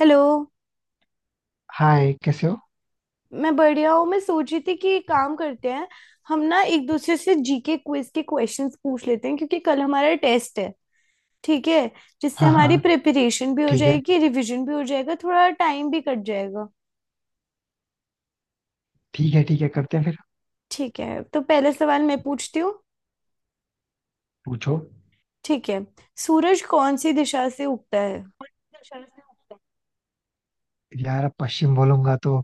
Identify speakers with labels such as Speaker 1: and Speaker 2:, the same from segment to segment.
Speaker 1: Hello.
Speaker 2: Hi, कैसे हो।
Speaker 1: मैं बढ़िया हूँ। मैं सोच रही थी कि एक काम करते हैं। हम ना एक दूसरे से जीके क्विज के क्वेश्चंस पूछ लेते हैं क्योंकि कल हमारा टेस्ट है। ठीक है। जिससे
Speaker 2: हाँ, हाँ।
Speaker 1: हमारी प्रिपरेशन भी हो
Speaker 2: ठीक है।
Speaker 1: जाएगी, रिवीजन भी हो जाएगा, थोड़ा टाइम भी कट जाएगा।
Speaker 2: ठीक है, ठीक है, करते हैं फिर।
Speaker 1: ठीक है, तो पहला सवाल मैं पूछती हूँ।
Speaker 2: पूछो।
Speaker 1: ठीक है। सूरज कौन सी दिशा से उगता है?
Speaker 2: यार, अब पश्चिम बोलूंगा तो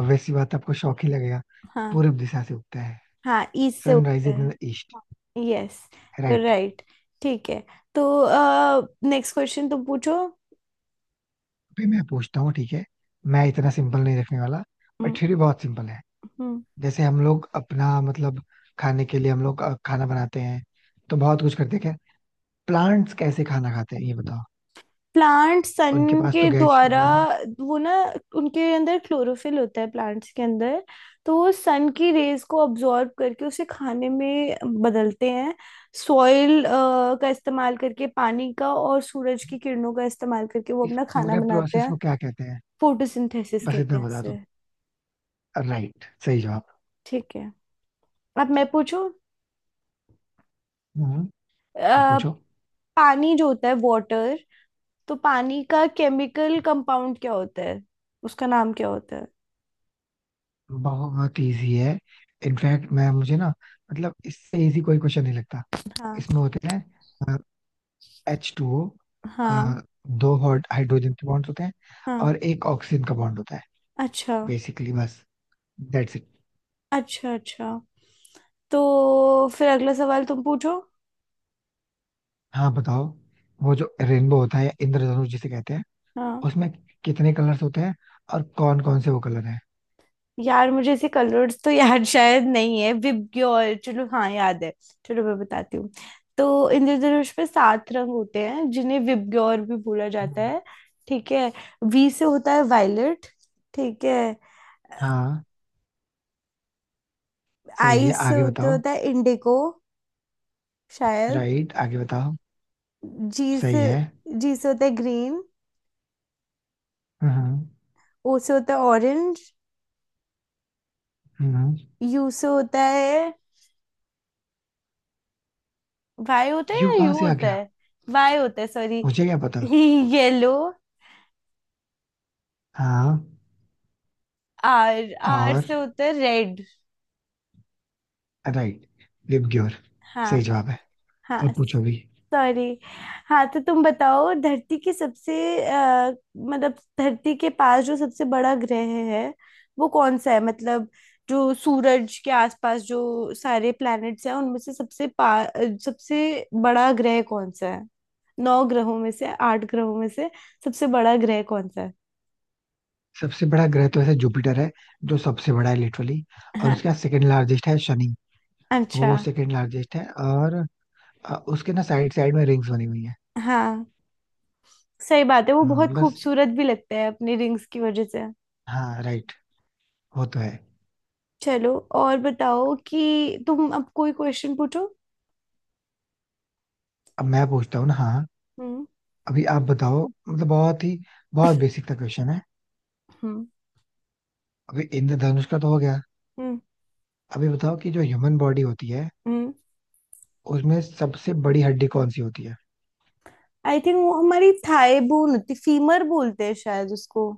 Speaker 2: obvious सी बात है, आपको शौक ही लगेगा।
Speaker 1: हाँ।
Speaker 2: पूर्व दिशा से उगता है।
Speaker 1: हाँ, ईस्ट से
Speaker 2: सनराइज
Speaker 1: उगता
Speaker 2: इन
Speaker 1: है।
Speaker 2: The east.
Speaker 1: Yes.
Speaker 2: Right.
Speaker 1: Right. ठीक है। तो नेक्स्ट क्वेश्चन तुम पूछो।
Speaker 2: अभी मैं पूछता हूँ, ठीक है। मैं इतना सिंपल नहीं रखने वाला, बट
Speaker 1: हम्म।
Speaker 2: फिर भी बहुत सिंपल है।
Speaker 1: हम्म।
Speaker 2: जैसे हम लोग अपना मतलब खाने के लिए हम लोग खाना बनाते हैं, तो बहुत कुछ करते हैं क्या। प्लांट्स कैसे खाना खाते हैं, ये बताओ।
Speaker 1: प्लांट
Speaker 2: उनके
Speaker 1: सन
Speaker 2: पास तो
Speaker 1: के
Speaker 2: गैस
Speaker 1: द्वारा।
Speaker 2: स्टोव नहीं।
Speaker 1: वो ना, उनके अंदर क्लोरोफिल होता है, प्लांट्स के अंदर। तो वो सन की रेज को अब्जॉर्ब करके उसे खाने में बदलते हैं। सॉइल का इस्तेमाल करके, पानी का और सूरज की किरणों का इस्तेमाल करके वो
Speaker 2: इस
Speaker 1: अपना खाना
Speaker 2: पूरे
Speaker 1: बनाते
Speaker 2: प्रोसेस
Speaker 1: हैं।
Speaker 2: को क्या कहते हैं।
Speaker 1: फोटोसिंथेसिस
Speaker 2: बस
Speaker 1: कहते
Speaker 2: इतना
Speaker 1: हैं
Speaker 2: बता दो।
Speaker 1: इसे।
Speaker 2: राइट, सही जवाब।
Speaker 1: ठीक है। अब मैं पूछूं।
Speaker 2: हम्म। आप
Speaker 1: अ,
Speaker 2: पूछो।
Speaker 1: पानी जो होता है, वाटर। तो पानी का केमिकल कंपाउंड क्या होता है? उसका नाम क्या होता है?
Speaker 2: बहुत इजी है। इनफैक्ट मैं मुझे ना, मतलब इससे इजी कोई क्वेश्चन नहीं लगता।
Speaker 1: हाँ।
Speaker 2: इसमें होते हैं एच टू ओ।
Speaker 1: हाँ।
Speaker 2: दो हाइड्रोजन के बॉन्ड होते हैं
Speaker 1: हाँ।
Speaker 2: और एक ऑक्सीजन का बॉन्ड होता है।
Speaker 1: अच्छा।
Speaker 2: बेसिकली बस, दैट्स इट।
Speaker 1: अच्छा। अच्छा। तो फिर अगला सवाल तुम पूछो।
Speaker 2: हाँ, बताओ। वो जो रेनबो होता है या इंद्रधनुष जिसे कहते हैं,
Speaker 1: हाँ।
Speaker 2: उसमें कितने कलर्स होते हैं और कौन कौन से वो कलर हैं।
Speaker 1: यार, मुझे ऐसे कलर्स तो याद शायद नहीं है। विबग्योर, चलो हाँ, याद है। चलो मैं बताती हूँ। तो इंद्रधनुष पे सात रंग होते हैं जिन्हें विबग्योर भी बोला जाता
Speaker 2: हम्म।
Speaker 1: है। ठीक है। वी से होता है वायलेट। ठीक है।
Speaker 2: हाँ, सही
Speaker 1: आई
Speaker 2: है,
Speaker 1: से
Speaker 2: आगे
Speaker 1: होते
Speaker 2: बताओ।
Speaker 1: होता है इंडिगो, शायद।
Speaker 2: राइट, आगे बताओ।
Speaker 1: जी
Speaker 2: सही
Speaker 1: से।
Speaker 2: है।
Speaker 1: जी से होता है ग्रीन।
Speaker 2: हम्म, हम्म,
Speaker 1: ओ से होता है ऑरेंज।
Speaker 2: हम्म।
Speaker 1: यू से होता है, वाई होता है,
Speaker 2: यू
Speaker 1: या
Speaker 2: कहाँ
Speaker 1: यू
Speaker 2: से आ
Speaker 1: होता
Speaker 2: गया।
Speaker 1: है। वाई होता है सॉरी,
Speaker 2: मुझे क्या पता।
Speaker 1: येलो।
Speaker 2: हाँ।
Speaker 1: आर आर
Speaker 2: और।
Speaker 1: से होता है रेड।
Speaker 2: राइट। लिपग्योर। सही
Speaker 1: हाँ।
Speaker 2: जवाब है।
Speaker 1: हाँ।
Speaker 2: अब पूछो भी।
Speaker 1: सॉरी। हाँ तो तुम बताओ, धरती के सबसे अ, मतलब धरती के पास जो सबसे बड़ा ग्रह है वो कौन सा है? मतलब जो सूरज के आसपास जो सारे प्लैनेट्स हैं, उनमें से सबसे सबसे बड़ा ग्रह कौन सा है? नौ ग्रहों में से, आठ ग्रहों में से सबसे बड़ा ग्रह कौन सा है?
Speaker 2: सबसे बड़ा ग्रह तो ऐसे जुपिटर है, जो सबसे बड़ा है लिटरली। और
Speaker 1: हाँ।
Speaker 2: उसके बाद सेकंड लार्जेस्ट है शनि।
Speaker 1: अच्छा।
Speaker 2: वो सेकंड लार्जेस्ट है, और उसके ना साइड साइड में रिंग्स बनी हुई है।
Speaker 1: हाँ सही बात है, वो बहुत
Speaker 2: बस।
Speaker 1: खूबसूरत भी लगते हैं अपनी रिंग्स की वजह से।
Speaker 2: हाँ, राइट। वो तो है।
Speaker 1: चलो, और बताओ कि तुम अब कोई क्वेश्चन पूछो।
Speaker 2: अब मैं पूछता हूँ ना, हाँ।
Speaker 1: हम्म।
Speaker 2: अभी आप बताओ, मतलब बहुत ही बहुत बेसिक सा क्वेश्चन है।
Speaker 1: हम्म।
Speaker 2: अभी इंद्रधनुष का तो हो गया।
Speaker 1: हम्म।
Speaker 2: अभी बताओ कि जो ह्यूमन बॉडी होती है,
Speaker 1: हम्म।
Speaker 2: उसमें सबसे बड़ी हड्डी कौन सी होती है।
Speaker 1: आई थिंक वो हमारी थाई बोन होती, फीमर बोलते हैं शायद उसको।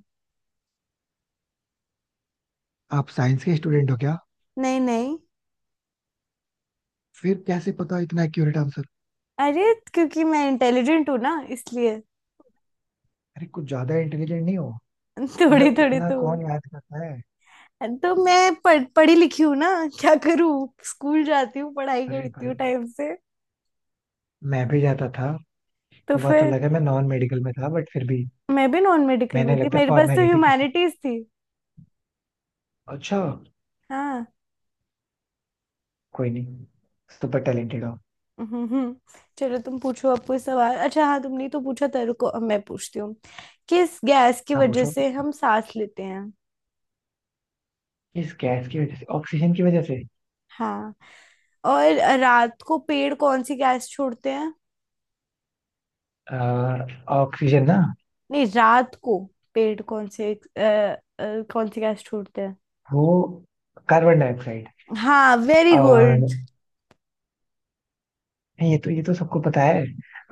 Speaker 2: आप साइंस के स्टूडेंट हो क्या।
Speaker 1: नहीं नहीं।
Speaker 2: फिर कैसे पता इतना एक्यूरेट आंसर।
Speaker 1: अरे क्योंकि मैं इंटेलिजेंट हूँ ना, इसलिए।
Speaker 2: अरे, कुछ ज्यादा इंटेलिजेंट नहीं हो।
Speaker 1: थोड़ी
Speaker 2: मतलब
Speaker 1: थोड़ी
Speaker 2: इतना
Speaker 1: तो।
Speaker 2: कौन याद करता है।
Speaker 1: तो मैं पढ़ी लिखी हूँ ना। क्या करूँ, स्कूल जाती हूँ, पढ़ाई
Speaker 2: अरे
Speaker 1: करती
Speaker 2: भाई,
Speaker 1: हूँ टाइम से।
Speaker 2: मैं भी जाता था।
Speaker 1: तो
Speaker 2: वो बात
Speaker 1: फिर।
Speaker 2: अलग है, मैं नॉन मेडिकल में था, बट फिर भी
Speaker 1: मैं भी नॉन मेडिकल में
Speaker 2: मैंने
Speaker 1: थी,
Speaker 2: लगता है
Speaker 1: मेरे पास तो
Speaker 2: फॉर्मेलिटी की थी।
Speaker 1: ह्यूमैनिटीज थी।
Speaker 2: अच्छा।
Speaker 1: हाँ।
Speaker 2: कोई नहीं, सुपर टैलेंटेड हो।
Speaker 1: हम्म। हम्म। चलो तुम पूछो अब कोई सवाल। अच्छा हाँ, तुमने तो पूछा था, रुको अब मैं पूछती हूँ। किस गैस की
Speaker 2: हाँ,
Speaker 1: वजह
Speaker 2: पूछो।
Speaker 1: से हम सांस लेते हैं?
Speaker 2: इस गैस की वजह से, ऑक्सीजन की वजह से।
Speaker 1: हाँ। और रात को पेड़ कौन सी गैस छोड़ते हैं?
Speaker 2: अ, ऑक्सीजन ना।
Speaker 1: नहीं, रात को पेड़ कौन से कौन सी गैस छोड़ते हैं?
Speaker 2: वो कार्बन डाइऑक्साइड।
Speaker 1: हाँ वेरी गुड।
Speaker 2: और नहीं, ये तो सबको पता है।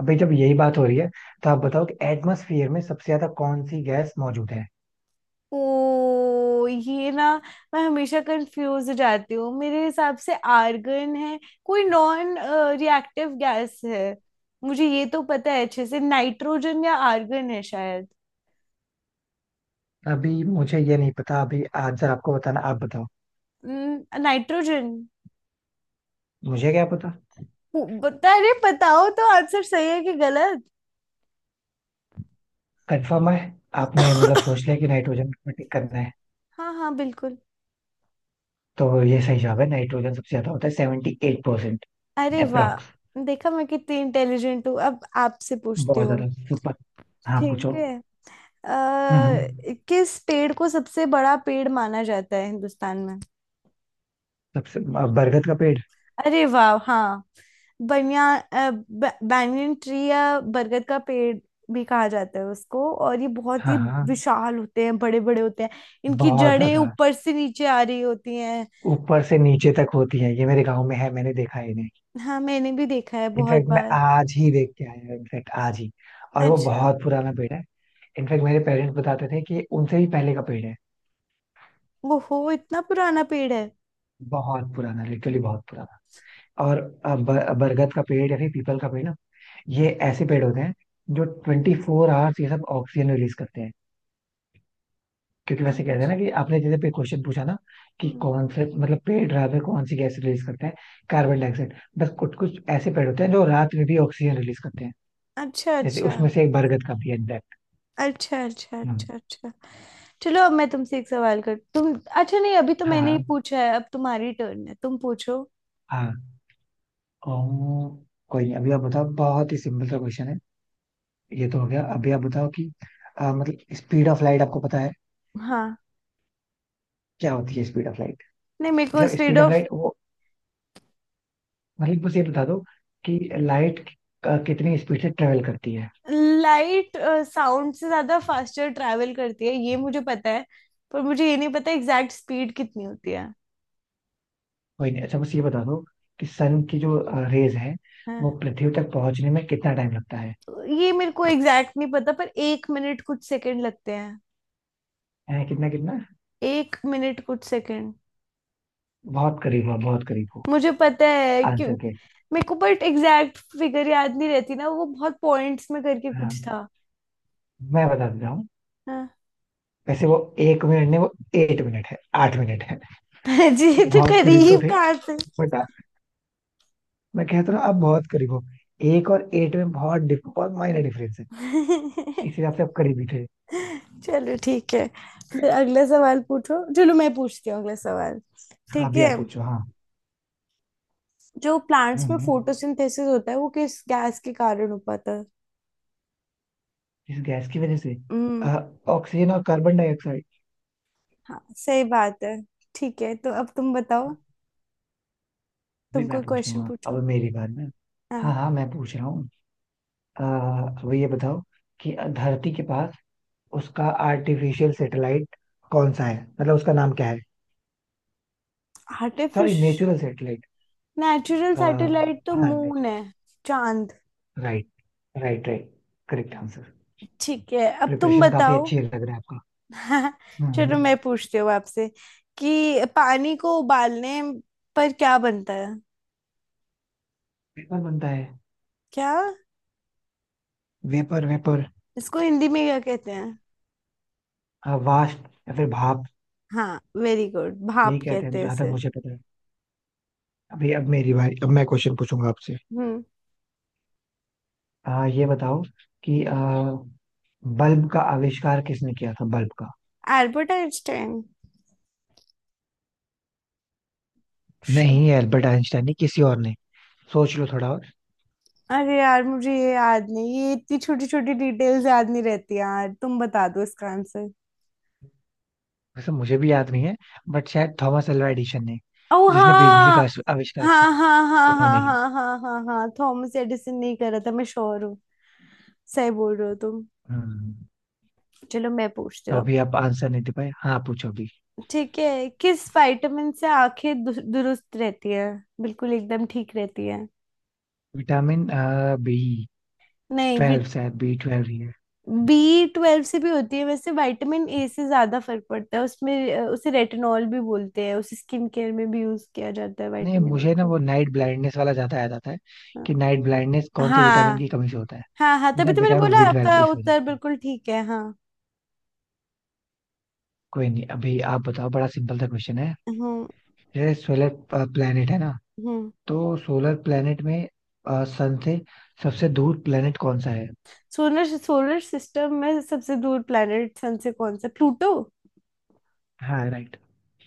Speaker 2: अभी जब यही बात हो रही है, तो आप बताओ कि एटमॉस्फेयर में सबसे ज्यादा कौन सी गैस मौजूद है।
Speaker 1: ओ ये ना, मैं हमेशा कंफ्यूज हो जाती हूँ, मेरे हिसाब से आर्गन है। कोई नॉन रिएक्टिव गैस है। मुझे ये तो पता है अच्छे से, नाइट्रोजन या आर्गन है शायद।
Speaker 2: अभी मुझे ये नहीं पता, अभी आंसर आपको बताना, आप बताओ।
Speaker 1: नाइट्रोजन।
Speaker 2: मुझे क्या पता।
Speaker 1: बता अरे बताओ तो आंसर सही है कि गलत।
Speaker 2: कंफर्म है। आपने मतलब सोच लिया कि नाइट्रोजन को टिक करना है।
Speaker 1: हाँ हाँ बिल्कुल।
Speaker 2: तो ये सही जवाब है, नाइट्रोजन सबसे ज्यादा होता है, 78%।
Speaker 1: अरे
Speaker 2: अप्रोक्स।
Speaker 1: वाह। देखा, मैं कितनी इंटेलिजेंट हूँ, अब आपसे पूछती
Speaker 2: बहुत
Speaker 1: हूँ।
Speaker 2: ज्यादा सुपर। हाँ, पूछो।
Speaker 1: ठीक है।
Speaker 2: हम्म,
Speaker 1: अ, किस पेड़ को सबसे बड़ा पेड़ माना जाता है हिंदुस्तान में?
Speaker 2: सबसे बरगद का पेड़।
Speaker 1: अरे वाह, हाँ। बनियान बैंगन ट्री, या बरगद का पेड़ भी कहा जाता है उसको, और ये बहुत
Speaker 2: हाँ,
Speaker 1: ही
Speaker 2: हाँ।
Speaker 1: विशाल होते हैं, बड़े बड़े होते हैं। इनकी
Speaker 2: बहुत
Speaker 1: जड़ें
Speaker 2: ज्यादा।
Speaker 1: ऊपर से नीचे आ रही होती हैं।
Speaker 2: ऊपर से नीचे तक होती है, ये मेरे गांव में है, मैंने देखा है इन्हें।
Speaker 1: हाँ मैंने भी देखा है बहुत
Speaker 2: इनफैक्ट मैं
Speaker 1: बार।
Speaker 2: आज ही देख के आया हूँ, इनफैक्ट आज ही। और वो
Speaker 1: अच्छा।
Speaker 2: बहुत पुराना पेड़ है। इनफैक्ट मेरे पेरेंट्स बताते थे कि ये उनसे भी पहले का पेड़ है।
Speaker 1: वो हो, इतना पुराना पेड़ है।
Speaker 2: बहुत पुराना, लिटरली बहुत पुराना। और बरगद का पेड़ या फिर पीपल का पेड़ ना, ये ऐसे पेड़ होते हैं जो 24 आवर्स ये सब ऑक्सीजन रिलीज करते हैं। क्योंक्योंकि वैसे कहते हैं
Speaker 1: अच्छा।
Speaker 2: ना, कि आपने जैसे पे क्वेश्चन पूछा ना कि
Speaker 1: हम्म।
Speaker 2: कौन से मतलब पेड़ रात में कौन सी गैस रिलीज करते हैं, कार्बन डाइऑक्साइड। बस कुछ कुछ ऐसे पेड़ होते हैं जो रात में भी ऑक्सीजन रिलीज करते हैं।
Speaker 1: अच्छा
Speaker 2: जैसे
Speaker 1: अच्छा
Speaker 2: उसमें से एक बरगद का भी है इनफैक्ट।
Speaker 1: अच्छा अच्छा अच्छा अच्छा। चलो अब मैं तुमसे एक सवाल कर, तुम अच्छा नहीं, अभी तो मैंने ही
Speaker 2: हाँ,
Speaker 1: पूछा है, अब तुम्हारी टर्न है, तुम पूछो।
Speaker 2: हाँ। ओह। कोई नहीं, अभी आप बताओ, बहुत ही सिंपल सा क्वेश्चन है। ये तो हो गया, अभी आप बताओ कि मतलब स्पीड ऑफ लाइट आपको पता है
Speaker 1: हाँ।
Speaker 2: क्या होती है स्पीड ऑफ लाइट।
Speaker 1: नहीं, मेरे को
Speaker 2: मतलब
Speaker 1: speed
Speaker 2: speed of
Speaker 1: of
Speaker 2: light, वो मतलब बस ये बता दो कि लाइट कितनी स्पीड से ट्रेवल करती है।
Speaker 1: लाइट, साउंड से ज्यादा फास्टर ट्रैवल करती है, ये मुझे पता है। पर मुझे ये नहीं पता एग्जैक्ट स्पीड कितनी होती है।
Speaker 2: कोई नहीं, अच्छा, बस ये बता दो कि सन की जो रेज है
Speaker 1: हाँ।
Speaker 2: वो पृथ्वी तक पहुंचने में कितना टाइम लगता है।
Speaker 1: ये मेरे को एग्जैक्ट नहीं पता, पर एक मिनट कुछ सेकंड लगते हैं।
Speaker 2: हैं, कितना कितना।
Speaker 1: एक मिनट कुछ सेकंड।
Speaker 2: बहुत करीब हो, बहुत करीब हो,
Speaker 1: मुझे पता है क्यों,
Speaker 2: आंसर के।
Speaker 1: मेरे को, बट एग्जैक्ट फिगर याद नहीं रहती ना, वो बहुत पॉइंट्स में करके
Speaker 2: हाँ,
Speaker 1: कुछ था।
Speaker 2: मैं बता देता हूँ।
Speaker 1: हाँ।
Speaker 2: वैसे वो एक मिनट नहीं, वो 8 मिनट है, 8 मिनट है।
Speaker 1: जी ये तो
Speaker 2: बहुत करीब तो
Speaker 1: करीब
Speaker 2: थे,
Speaker 1: कहाँ से।
Speaker 2: बट मैं कहता हूँ आप बहुत करीब हो। 1 और 8 में बहुत बहुत माइनर डिफरेंस है। इस हिसाब से आप करीब ही थे।
Speaker 1: चलो ठीक है। फिर अगला सवाल पूछो, चलो मैं पूछती हूँ अगला सवाल।
Speaker 2: हाँ,
Speaker 1: ठीक
Speaker 2: अभी
Speaker 1: है।
Speaker 2: आप पूछो, हाँ।
Speaker 1: जो
Speaker 2: हम्म,
Speaker 1: प्लांट्स में
Speaker 2: हम्म।
Speaker 1: फोटोसिंथेसिस होता है वो किस गैस के कारण हो पाता है?
Speaker 2: इस गैस की वजह से, अ,
Speaker 1: हम्म।
Speaker 2: ऑक्सीजन और कार्बन डाइऑक्साइड।
Speaker 1: हाँ सही बात है। ठीक है, तो अब तुम बताओ,
Speaker 2: भी
Speaker 1: तुम
Speaker 2: मैं
Speaker 1: कोई
Speaker 2: पूछ
Speaker 1: क्वेश्चन
Speaker 2: लूंगा, अब
Speaker 1: पूछो।
Speaker 2: मेरी बात ना। हाँ,
Speaker 1: हाँ।
Speaker 2: हाँ, मैं पूछ रहा हूँ। अब ये बताओ कि धरती के पास उसका आर्टिफिशियल सैटेलाइट कौन सा है, मतलब उसका नाम क्या है। सॉरी,
Speaker 1: आर्टिफिश
Speaker 2: नेचुरल सैटेलाइट।
Speaker 1: नेचुरल सैटेलाइट तो
Speaker 2: हाँ,
Speaker 1: मून
Speaker 2: नेचुरल।
Speaker 1: है। चांद।
Speaker 2: Right, right, right. Correct answer.
Speaker 1: ठीक है, अब तुम
Speaker 2: प्रिपरेशन काफी
Speaker 1: बताओ।
Speaker 2: अच्छी लग रहा है आपका। हम्म। हम्म।
Speaker 1: चलो, मैं पूछती हूँ आपसे कि पानी को उबालने पर क्या बनता है?
Speaker 2: वेपर बनता है।
Speaker 1: क्या?
Speaker 2: Vapour, vapour.
Speaker 1: इसको हिंदी में क्या कहते हैं?
Speaker 2: वाष्प या फिर भाप।
Speaker 1: हाँ वेरी गुड,
Speaker 2: यही
Speaker 1: भाप
Speaker 2: कहते हैं
Speaker 1: कहते हैं
Speaker 2: जहां तक
Speaker 1: इसे।
Speaker 2: मुझे पता है। अभी अब मेरी बारी, अब मैं क्वेश्चन पूछूंगा आपसे।
Speaker 1: हम्म।
Speaker 2: ये बताओ कि बल्ब का आविष्कार किसने किया था, बल्ब का।
Speaker 1: Albert Einstein.
Speaker 2: नहीं, एल्बर्ट आइंस्टाइन नहीं, किसी और ने। सोच लो थोड़ा और।
Speaker 1: अरे यार मुझे ये याद नहीं, ये इतनी छोटी छोटी डिटेल्स याद नहीं रहती यार, तुम बता दो इसका आंसर।
Speaker 2: वैसे मुझे भी याद नहीं है, बट शायद थॉमस अल्वा एडिसन ने,
Speaker 1: ओ
Speaker 2: जिसने बिजली का
Speaker 1: हाँ
Speaker 2: आविष्कार किया,
Speaker 1: हाँ हाँ हाँ हाँ
Speaker 2: उन्होंने ही।
Speaker 1: हाँ हाँ हाँ हाँ, थॉमस एडिसन नहीं कर रहा था, मैं श्योर हूँ। सही बोल रहे हो तुम।
Speaker 2: हम्म।
Speaker 1: चलो मैं पूछती
Speaker 2: तो
Speaker 1: हूँ अब।
Speaker 2: अभी आप आंसर नहीं दे पाए। हाँ, पूछो अभी।
Speaker 1: ठीक है, किस विटामिन से आंखें दुरुस्त रहती है? बिल्कुल एकदम ठीक रहती है।
Speaker 2: विटामिन बी
Speaker 1: नहीं।
Speaker 2: ट्वेल्व शायद B12।
Speaker 1: बी ट्वेल्व से भी होती है, वैसे विटामिन ए से ज्यादा फर्क पड़ता है उसमें, उसे रेटिनॉल भी बोलते हैं, उसे स्किन केयर में भी यूज किया जाता है,
Speaker 2: नहीं,
Speaker 1: विटामिन ए
Speaker 2: मुझे ना
Speaker 1: को।
Speaker 2: वो नाइट ब्लाइंडनेस वाला ज्यादा याद आता है,
Speaker 1: हाँ
Speaker 2: कि नाइट ब्लाइंडनेस कौन से विटामिन
Speaker 1: हाँ
Speaker 2: की कमी से होता है।
Speaker 1: हाँ हाँ तभी
Speaker 2: जैसे
Speaker 1: तो मैंने
Speaker 2: विटामिन
Speaker 1: बोला
Speaker 2: B12
Speaker 1: आपका
Speaker 2: इस वजह
Speaker 1: उत्तर
Speaker 2: से।
Speaker 1: बिल्कुल ठीक है, हाँ।
Speaker 2: कोई नहीं, अभी आप बताओ, बड़ा सिंपल सा क्वेश्चन है।
Speaker 1: हम्म।
Speaker 2: जैसे सोलर प्लेनेट है ना,
Speaker 1: हम्म।
Speaker 2: तो सोलर प्लेनेट में सन से सबसे दूर प्लेनेट कौन सा है।
Speaker 1: सोलर सोलर सिस्टम में सबसे दूर प्लेनेट सन से कौन सा, प्लूटो?
Speaker 2: हाँ, राइट।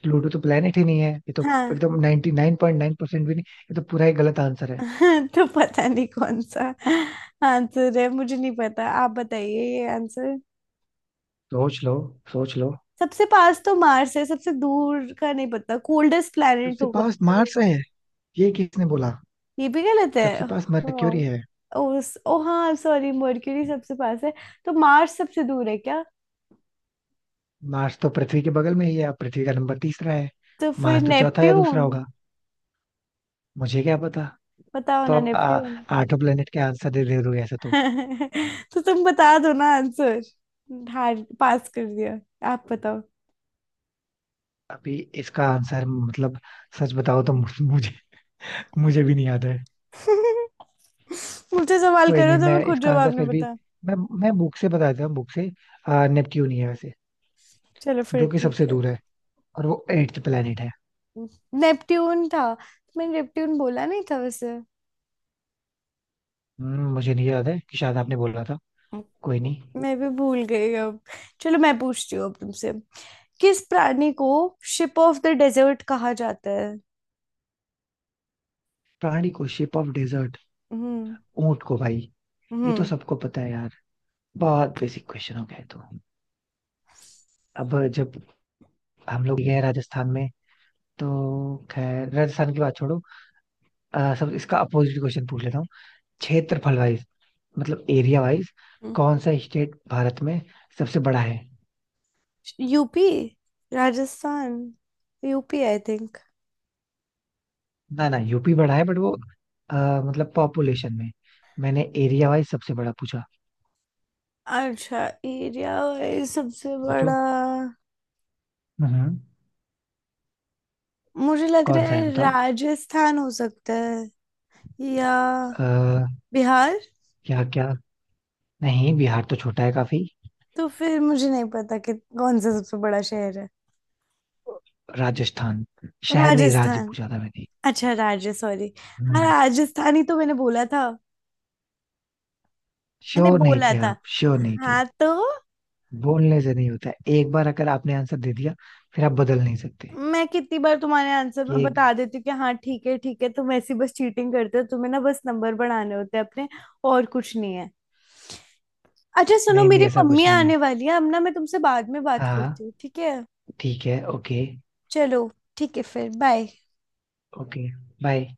Speaker 2: प्लूटो तो प्लेनेट ही नहीं है, ये तो
Speaker 1: हाँ।
Speaker 2: एकदम 99.9% भी नहीं। ये तो पूरा ही गलत आंसर है।
Speaker 1: तो पता नहीं कौन सा आंसर है, मुझे नहीं पता, आप बताइए ये आंसर।
Speaker 2: सोच लो, सोच लो।
Speaker 1: सबसे पास तो मार्स है, सबसे दूर का नहीं पता, कोल्डेस्ट प्लैनेट
Speaker 2: सबसे
Speaker 1: होगा।
Speaker 2: पास मार्स है, ये किसने बोला।
Speaker 1: ये भी गलत है
Speaker 2: सबसे पास
Speaker 1: हाँ।
Speaker 2: मरक्यूरी है।
Speaker 1: उस ओ हाँ सॉरी, मर्क्यूरी सबसे पास है। तो मार्स सबसे दूर है क्या?
Speaker 2: मार्स तो पृथ्वी के बगल में ही है, अब पृथ्वी का नंबर तीसरा है।
Speaker 1: तो फिर
Speaker 2: मार्स तो चौथा या दूसरा
Speaker 1: नेपट्यून।
Speaker 2: होगा, मुझे क्या पता।
Speaker 1: बताओ
Speaker 2: तो
Speaker 1: ना,
Speaker 2: आप
Speaker 1: नेपट्यून।
Speaker 2: आठों प्लेनेट के आंसर दे दे दोगे ऐसे तो।
Speaker 1: तो तुम बता दो ना आंसर। हार पास कर दिया। आप बताओ।
Speaker 2: अभी इसका आंसर, मतलब सच बताओ तो मुझे मुझे मुझे भी नहीं याद है।
Speaker 1: मुझसे सवाल
Speaker 2: कोई
Speaker 1: करो
Speaker 2: नहीं,
Speaker 1: तो मैं
Speaker 2: मैं
Speaker 1: खुद
Speaker 2: इसका आंसर
Speaker 1: जवाब नहीं
Speaker 2: फिर भी,
Speaker 1: बता।
Speaker 2: मैं बुक से बता देता हूँ, बुक से। नेपच्यून ही है वैसे,
Speaker 1: चलो
Speaker 2: जो
Speaker 1: फिर
Speaker 2: कि
Speaker 1: ठीक
Speaker 2: सबसे
Speaker 1: है।
Speaker 2: दूर है और वो 8th प्लेनेट है।
Speaker 1: नेपट्यून था। मैंने नेपट्यून बोला नहीं था वैसे।
Speaker 2: मुझे नहीं याद है कि शायद आपने बोला था। कोई नहीं।
Speaker 1: मैं भी भूल गई अब। चलो मैं पूछती हूँ अब तुमसे, किस प्राणी को शिप ऑफ द डेजर्ट कहा जाता है?
Speaker 2: प्राणी को शेप ऑफ डेजर्ट,
Speaker 1: हम्म।
Speaker 2: ऊंट को भाई। ये तो
Speaker 1: हम्म।
Speaker 2: सबको पता है यार, बहुत बेसिक क्वेश्चन हो गया ये तो। अब जब हम लोग गए राजस्थान में, तो खैर राजस्थान की बात छोड़ो। सब इसका अपोजिट क्वेश्चन पूछ लेता हूँ। क्षेत्रफल वाइज, मतलब एरिया वाइज, कौन सा स्टेट भारत में सबसे बड़ा है।
Speaker 1: UP. Rajasthan. UP I think.
Speaker 2: ना, ना, यूपी बड़ा है, बट वो अ, मतलब पॉपुलेशन में। मैंने एरिया वाइज सबसे बड़ा पूछा।
Speaker 1: अच्छा। एरिया वाइज सबसे
Speaker 2: सोचो।
Speaker 1: बड़ा।
Speaker 2: हम्म।
Speaker 1: मुझे लग
Speaker 2: कौन
Speaker 1: रहा
Speaker 2: सा है,
Speaker 1: है
Speaker 2: बताओ।
Speaker 1: राजस्थान हो सकता है, या
Speaker 2: आ,
Speaker 1: बिहार।
Speaker 2: क्या, क्या। नहीं, बिहार तो छोटा है काफी।
Speaker 1: तो फिर मुझे नहीं पता कि कौन सा सबसे बड़ा शहर है।
Speaker 2: राजस्थान। शहर नहीं, राज्य
Speaker 1: राजस्थान।
Speaker 2: पूछा था मैंने।
Speaker 1: अच्छा राज्य सॉरी। हाँ
Speaker 2: हम्म।
Speaker 1: राजस्थान ही तो मैंने बोला था, मैंने
Speaker 2: श्योर नहीं
Speaker 1: बोला
Speaker 2: थे
Speaker 1: था,
Speaker 2: आप, श्योर नहीं थे।
Speaker 1: हाँ तो।
Speaker 2: बोलने से नहीं होता है, एक बार अगर आपने आंसर दे दिया, फिर आप बदल नहीं सकते।
Speaker 1: मैं कितनी बार तुम्हारे आंसर में
Speaker 2: ये
Speaker 1: बता देती हूँ कि हाँ ठीक है ठीक है, तुम ऐसी बस चीटिंग करते हो, तुम्हें ना बस नंबर बढ़ाने होते हैं अपने, और कुछ नहीं है। अच्छा सुनो,
Speaker 2: नहीं, नहीं,
Speaker 1: मेरी
Speaker 2: ऐसा
Speaker 1: मम्मी
Speaker 2: कुछ नहीं है।
Speaker 1: आने वाली है अब ना, मैं तुमसे बाद में बात करती
Speaker 2: हाँ,
Speaker 1: हूँ, ठीक है?
Speaker 2: ठीक है, ओके।
Speaker 1: चलो, ठीक है, फिर बाय।
Speaker 2: Okay, bye.